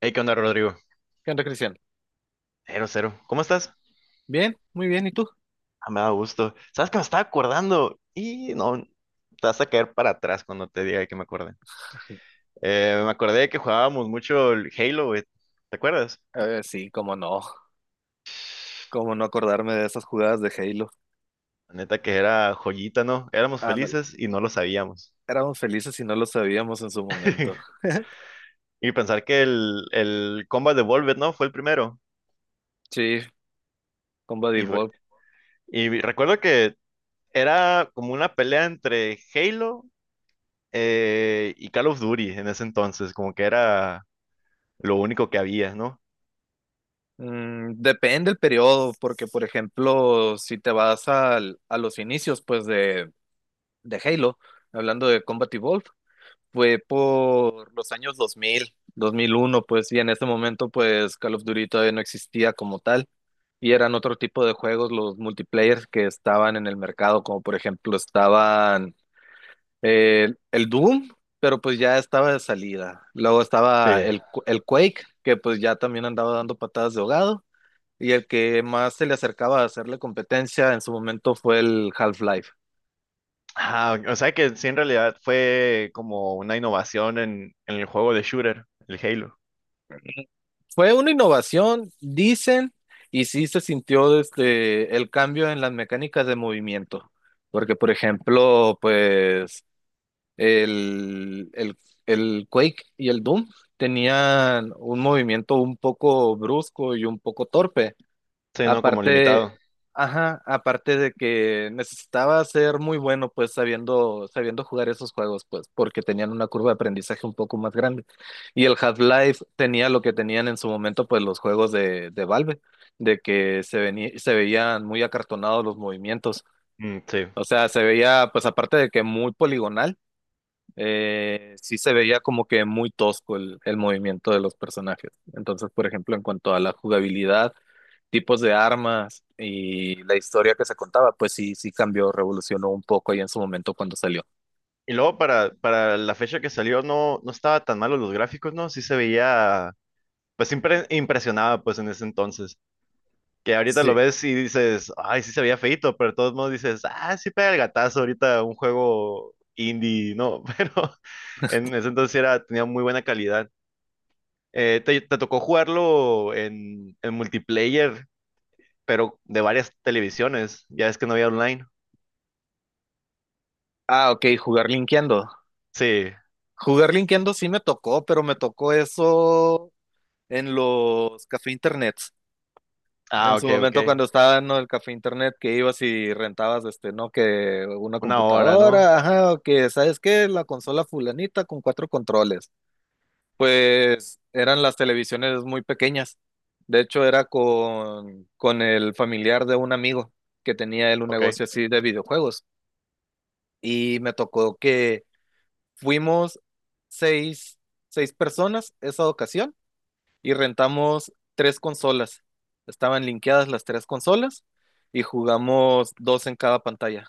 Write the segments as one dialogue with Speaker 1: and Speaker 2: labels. Speaker 1: Hey, ¿qué onda, Rodrigo?
Speaker 2: ¿Qué onda, Cristian?
Speaker 1: Cero, cero. ¿Cómo estás?
Speaker 2: Bien, muy bien, ¿y tú?
Speaker 1: Ah, me da gusto. ¿Sabes que me estaba acordando? Y no, te vas a caer para atrás cuando te diga que me acuerde. Me acordé de que jugábamos mucho el Halo, güey. ¿Te acuerdas?
Speaker 2: A ver, sí, cómo no acordarme de esas jugadas de Halo.
Speaker 1: La neta que era joyita, ¿no? Éramos
Speaker 2: Ándale,
Speaker 1: felices y no lo sabíamos.
Speaker 2: éramos felices y no lo sabíamos en su momento.
Speaker 1: Y pensar que el Combat Evolved, ¿no? Fue el primero.
Speaker 2: Sí, con Buddy
Speaker 1: Y, fue-
Speaker 2: Bob.
Speaker 1: y recuerdo que era como una pelea entre Halo y Call of Duty en ese entonces, como que era lo único que había, ¿no?
Speaker 2: Depende el periodo, porque por ejemplo, si te vas a los inicios pues de Halo, hablando de Combat Evolved, fue por los años dos mil, 2001, pues, y en ese momento pues Call of Duty todavía no existía como tal. Y eran otro tipo de juegos los multiplayers que estaban en el mercado, como por ejemplo estaban el Doom, pero pues ya estaba de salida. Luego estaba
Speaker 1: Sí.
Speaker 2: el Quake, que pues ya también andaba dando patadas de ahogado. Y el que más se le acercaba a hacerle competencia en su momento fue el Half-Life.
Speaker 1: Ah, o sea que sí, en realidad fue como una innovación en el juego de shooter, el Halo.
Speaker 2: Fue una innovación, dicen, y sí se sintió desde el cambio en las mecánicas de movimiento. Porque, por ejemplo, pues El, el, el Quake y el Doom tenían un movimiento un poco brusco y un poco torpe.
Speaker 1: Sí, no como
Speaker 2: Aparte,
Speaker 1: limitado.
Speaker 2: ajá, aparte de que necesitaba ser muy bueno, pues sabiendo jugar esos juegos, pues porque tenían una curva de aprendizaje un poco más grande. Y el Half-Life tenía lo que tenían en su momento, pues los juegos de Valve, de que se veían muy acartonados los movimientos.
Speaker 1: Mm, sí.
Speaker 2: O sea, se veía, pues aparte de que muy poligonal, sí se veía como que muy tosco el movimiento de los personajes. Entonces, por ejemplo, en cuanto a la jugabilidad, tipos de armas y la historia que se contaba, pues sí, sí cambió, revolucionó un poco ahí en su momento cuando salió.
Speaker 1: Y luego para la fecha que salió no estaba tan malo los gráficos, ¿no? Sí se veía, pues siempre impresionaba pues en ese entonces. Que ahorita lo
Speaker 2: Sí.
Speaker 1: ves y dices, ay, sí se veía feito, pero de todos modos dices, ah, sí pega el gatazo ahorita un juego indie, ¿no? Pero en ese entonces era, tenía muy buena calidad. ¿Te tocó jugarlo en multiplayer? Pero de varias televisiones. Ya es que no había online.
Speaker 2: Ah, ok, jugar linkeando.
Speaker 1: Sí.
Speaker 2: Jugar linkeando sí me tocó, pero me tocó eso en los café internet.
Speaker 1: Ah,
Speaker 2: En su
Speaker 1: ok, ok.
Speaker 2: momento cuando estaba en el café internet que ibas y rentabas este, ¿no? Que una
Speaker 1: Una hora, ¿no?
Speaker 2: computadora, ajá, o que ¿sabes qué? La consola fulanita con cuatro controles. Pues eran las televisiones muy pequeñas. De hecho, era con el familiar de un amigo que tenía él un
Speaker 1: Ok.
Speaker 2: negocio así de videojuegos. Y me tocó que fuimos seis, seis personas esa ocasión y rentamos tres consolas. Estaban linkeadas las tres consolas y jugamos dos en cada pantalla.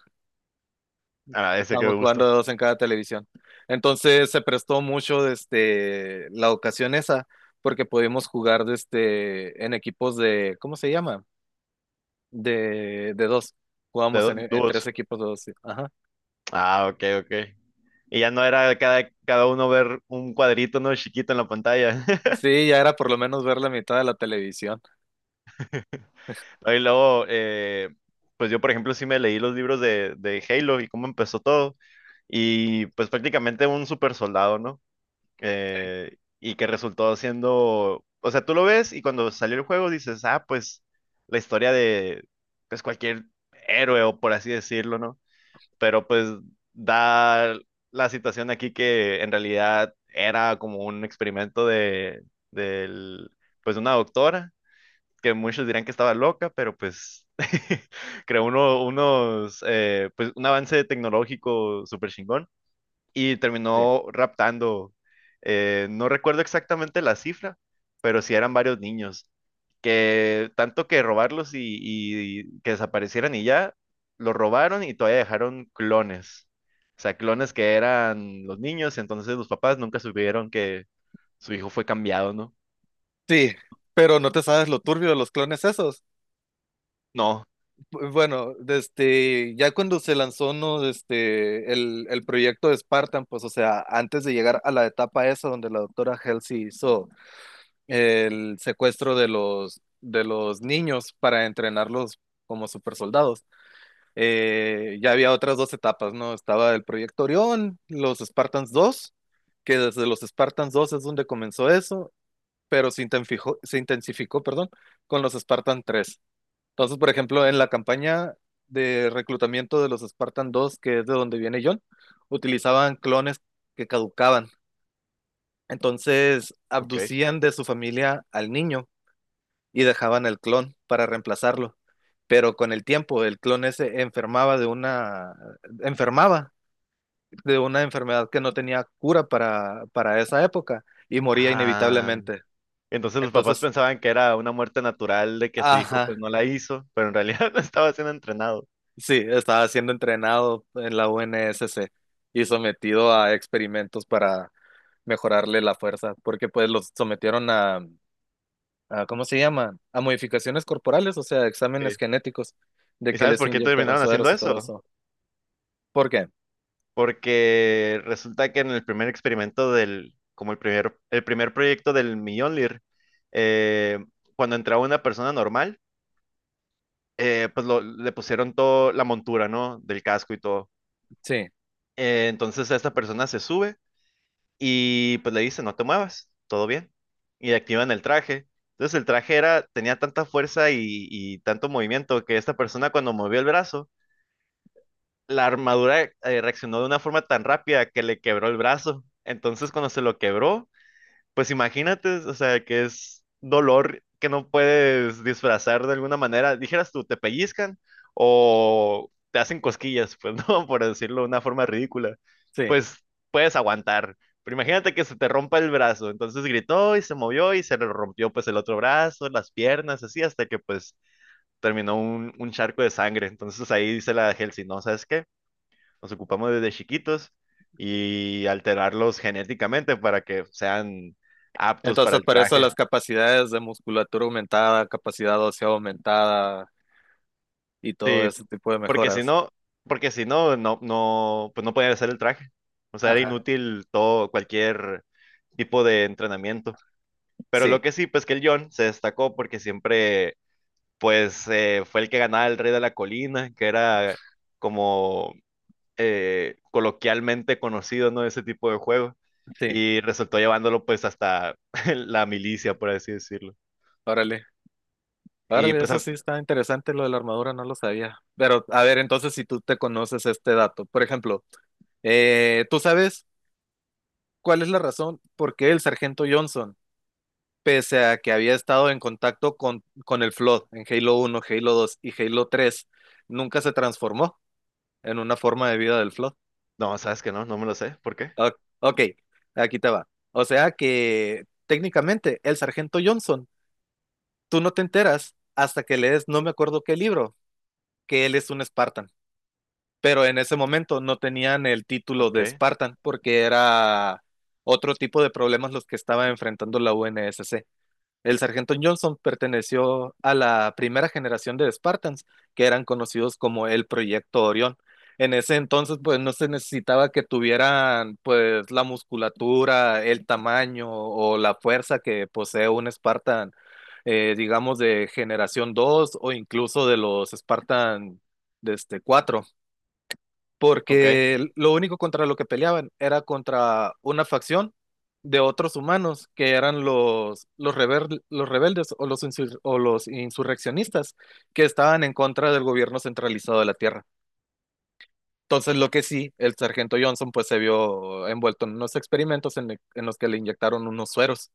Speaker 1: Ah, ese que me
Speaker 2: Estábamos
Speaker 1: gusta.
Speaker 2: jugando dos en cada televisión. Entonces se prestó mucho desde la ocasión esa, porque pudimos jugar desde, en equipos de, ¿cómo se llama? De dos. Jugamos en, en
Speaker 1: Dúos.
Speaker 2: tres equipos de dos. Sí. Ajá.
Speaker 1: Ah, ok, ok. Y ya no era cada uno ver un cuadrito, ¿no? Chiquito en la pantalla.
Speaker 2: Sí, ya era por lo menos ver la mitad de la televisión.
Speaker 1: Y luego, pues yo, por ejemplo, sí me leí los libros de Halo y cómo empezó todo. Y pues prácticamente un super soldado, ¿no? Y que resultó siendo, o sea, tú lo ves y cuando salió el juego dices, ah, pues la historia de, pues cualquier héroe o por así decirlo, ¿no? Pero pues da la situación aquí que en realidad era como un experimento del pues una doctora, que muchos dirán que estaba loca, pero pues creó pues un avance tecnológico súper chingón y
Speaker 2: Sí,
Speaker 1: terminó raptando, no recuerdo exactamente la cifra, pero sí eran varios niños, que tanto que robarlos y que desaparecieran y ya, los robaron y todavía dejaron clones. O sea, clones que eran los niños, entonces los papás nunca supieron que su hijo fue cambiado, ¿no?
Speaker 2: sí, pero no te sabes lo turbio de los clones esos.
Speaker 1: No,
Speaker 2: Bueno, este, ya cuando se lanzó ¿no? este, el proyecto de Spartan, pues, o sea, antes de llegar a la etapa esa donde la doctora Halsey hizo el secuestro de los niños para entrenarlos como supersoldados, ya había otras dos etapas, ¿no? Estaba el proyecto Orión, los Spartans 2, que desde los Spartans 2 es donde comenzó eso, pero se intensificó, perdón, con los Spartan tres. Entonces, por ejemplo, en la campaña de reclutamiento de los Spartan 2, que es de donde viene John, utilizaban clones que caducaban. Entonces,
Speaker 1: ok.
Speaker 2: abducían de su familia al niño y dejaban el clon para reemplazarlo. Pero con el tiempo, el clon ese enfermaba de una enfermedad que no tenía cura para esa época y moría
Speaker 1: Ah,
Speaker 2: inevitablemente.
Speaker 1: entonces los papás
Speaker 2: Entonces,
Speaker 1: pensaban que era una muerte natural de que su hijo
Speaker 2: ajá,
Speaker 1: pues no la hizo, pero en realidad no estaba siendo entrenado.
Speaker 2: sí, estaba siendo entrenado en la UNSC y sometido a experimentos para mejorarle la fuerza, porque pues los sometieron a, ¿cómo se llama? A modificaciones corporales, o sea,
Speaker 1: Sí.
Speaker 2: exámenes genéticos de
Speaker 1: ¿Y
Speaker 2: que
Speaker 1: sabes
Speaker 2: les
Speaker 1: por qué
Speaker 2: inyectaron
Speaker 1: terminaron haciendo
Speaker 2: sueros y todo
Speaker 1: eso?
Speaker 2: eso. ¿Por qué?
Speaker 1: Porque resulta que en el primer experimento como el primer proyecto del Mjolnir, eh, cuando entraba una persona normal, pues le pusieron todo la montura, ¿no? Del casco y todo.
Speaker 2: Sí,
Speaker 1: Entonces esta persona se sube y pues le dice, no te muevas, todo bien. Y activan el traje. Entonces el traje era, tenía tanta fuerza y tanto movimiento que esta persona cuando movió el brazo, la armadura reaccionó de una forma tan rápida que le quebró el brazo. Entonces cuando se lo quebró, pues imagínate, o sea, que es dolor que no puedes disfrazar de alguna manera. Dijeras tú, te pellizcan o te hacen cosquillas, pues no, por decirlo de una forma ridícula.
Speaker 2: sí.
Speaker 1: Pues puedes aguantar. Pero imagínate que se te rompa el brazo. Entonces gritó y se movió y se le rompió pues el otro brazo, las piernas, así, hasta que pues terminó un charco de sangre. Entonces ahí dice la Helsi, no, ¿sabes qué? Los ocupamos desde chiquitos y alterarlos genéticamente para que sean aptos para
Speaker 2: Entonces,
Speaker 1: el
Speaker 2: por eso
Speaker 1: traje.
Speaker 2: las capacidades de musculatura aumentada, capacidad ósea aumentada y todo
Speaker 1: Sí,
Speaker 2: ese tipo de
Speaker 1: porque si
Speaker 2: mejoras.
Speaker 1: no, porque si no, no, no, pues no podían hacer el traje. O sea, era
Speaker 2: Ajá,
Speaker 1: inútil todo, cualquier tipo de entrenamiento. Pero lo
Speaker 2: sí,
Speaker 1: que sí, pues que el John se destacó porque siempre, pues, fue el que ganaba el Rey de la Colina, que era como coloquialmente conocido, ¿no? Ese tipo de juego.
Speaker 2: sí.
Speaker 1: Y resultó llevándolo pues hasta la milicia, por así decirlo.
Speaker 2: Órale.
Speaker 1: Y
Speaker 2: Órale,
Speaker 1: pues,
Speaker 2: eso sí está interesante, lo de la armadura, no lo sabía. Pero, a ver, entonces, si tú te conoces este dato, por ejemplo, ¿tú sabes cuál es la razón por qué el sargento Johnson, pese a que había estado en contacto con el Flood en Halo uno, Halo dos y Halo tres, nunca se transformó en una forma de vida del Flood?
Speaker 1: no, sabes que no, no me lo sé. ¿Por qué?
Speaker 2: O- ok, aquí te va. O sea que técnicamente el sargento Johnson, tú no te enteras hasta que lees, no me acuerdo qué libro, que él es un Spartan. Pero en ese momento no tenían el título
Speaker 1: Ok,
Speaker 2: de Spartan porque era otro tipo de problemas los que estaba enfrentando la UNSC. El sargento Johnson perteneció a la primera generación de Spartans, que eran conocidos como el Proyecto Orión. En ese entonces, pues no se necesitaba que tuvieran pues la musculatura, el tamaño o la fuerza que posee un Spartan, digamos, de generación 2 o incluso de los Spartan de cuatro
Speaker 1: ok.
Speaker 2: porque lo único contra lo que peleaban era contra una facción de otros humanos que eran los rebeldes o los insurreccionistas que estaban en contra del gobierno centralizado de la Tierra. Entonces, lo que sí, el sargento Johnson pues se vio envuelto en unos experimentos en los que le inyectaron unos sueros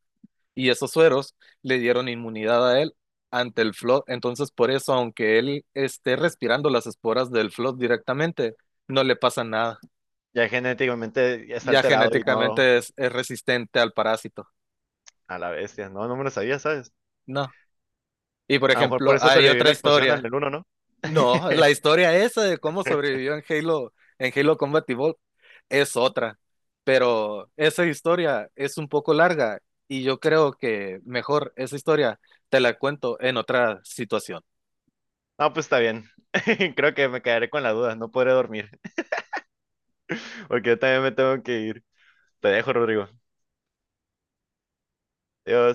Speaker 2: y esos sueros le dieron inmunidad a él ante el Flood. Entonces, por eso, aunque él esté respirando las esporas del Flood directamente, no le pasa nada.
Speaker 1: Ya genéticamente ya está
Speaker 2: Ya
Speaker 1: alterado y no
Speaker 2: genéticamente es resistente al parásito.
Speaker 1: a la bestia. No, no me lo sabía, ¿sabes?
Speaker 2: No. Y por
Speaker 1: A lo mejor por
Speaker 2: ejemplo,
Speaker 1: eso
Speaker 2: hay
Speaker 1: sobrevivió
Speaker 2: otra
Speaker 1: la explosión al
Speaker 2: historia.
Speaker 1: del uno, ¿no?
Speaker 2: No, la historia esa de cómo sobrevivió en Halo Combat Evolved es otra. Pero esa historia es un poco larga y yo creo que mejor esa historia te la cuento en otra situación.
Speaker 1: No, pues está bien. Creo que me quedaré con la duda. No podré dormir porque yo también me tengo que ir. Te dejo, Rodrigo. Adiós.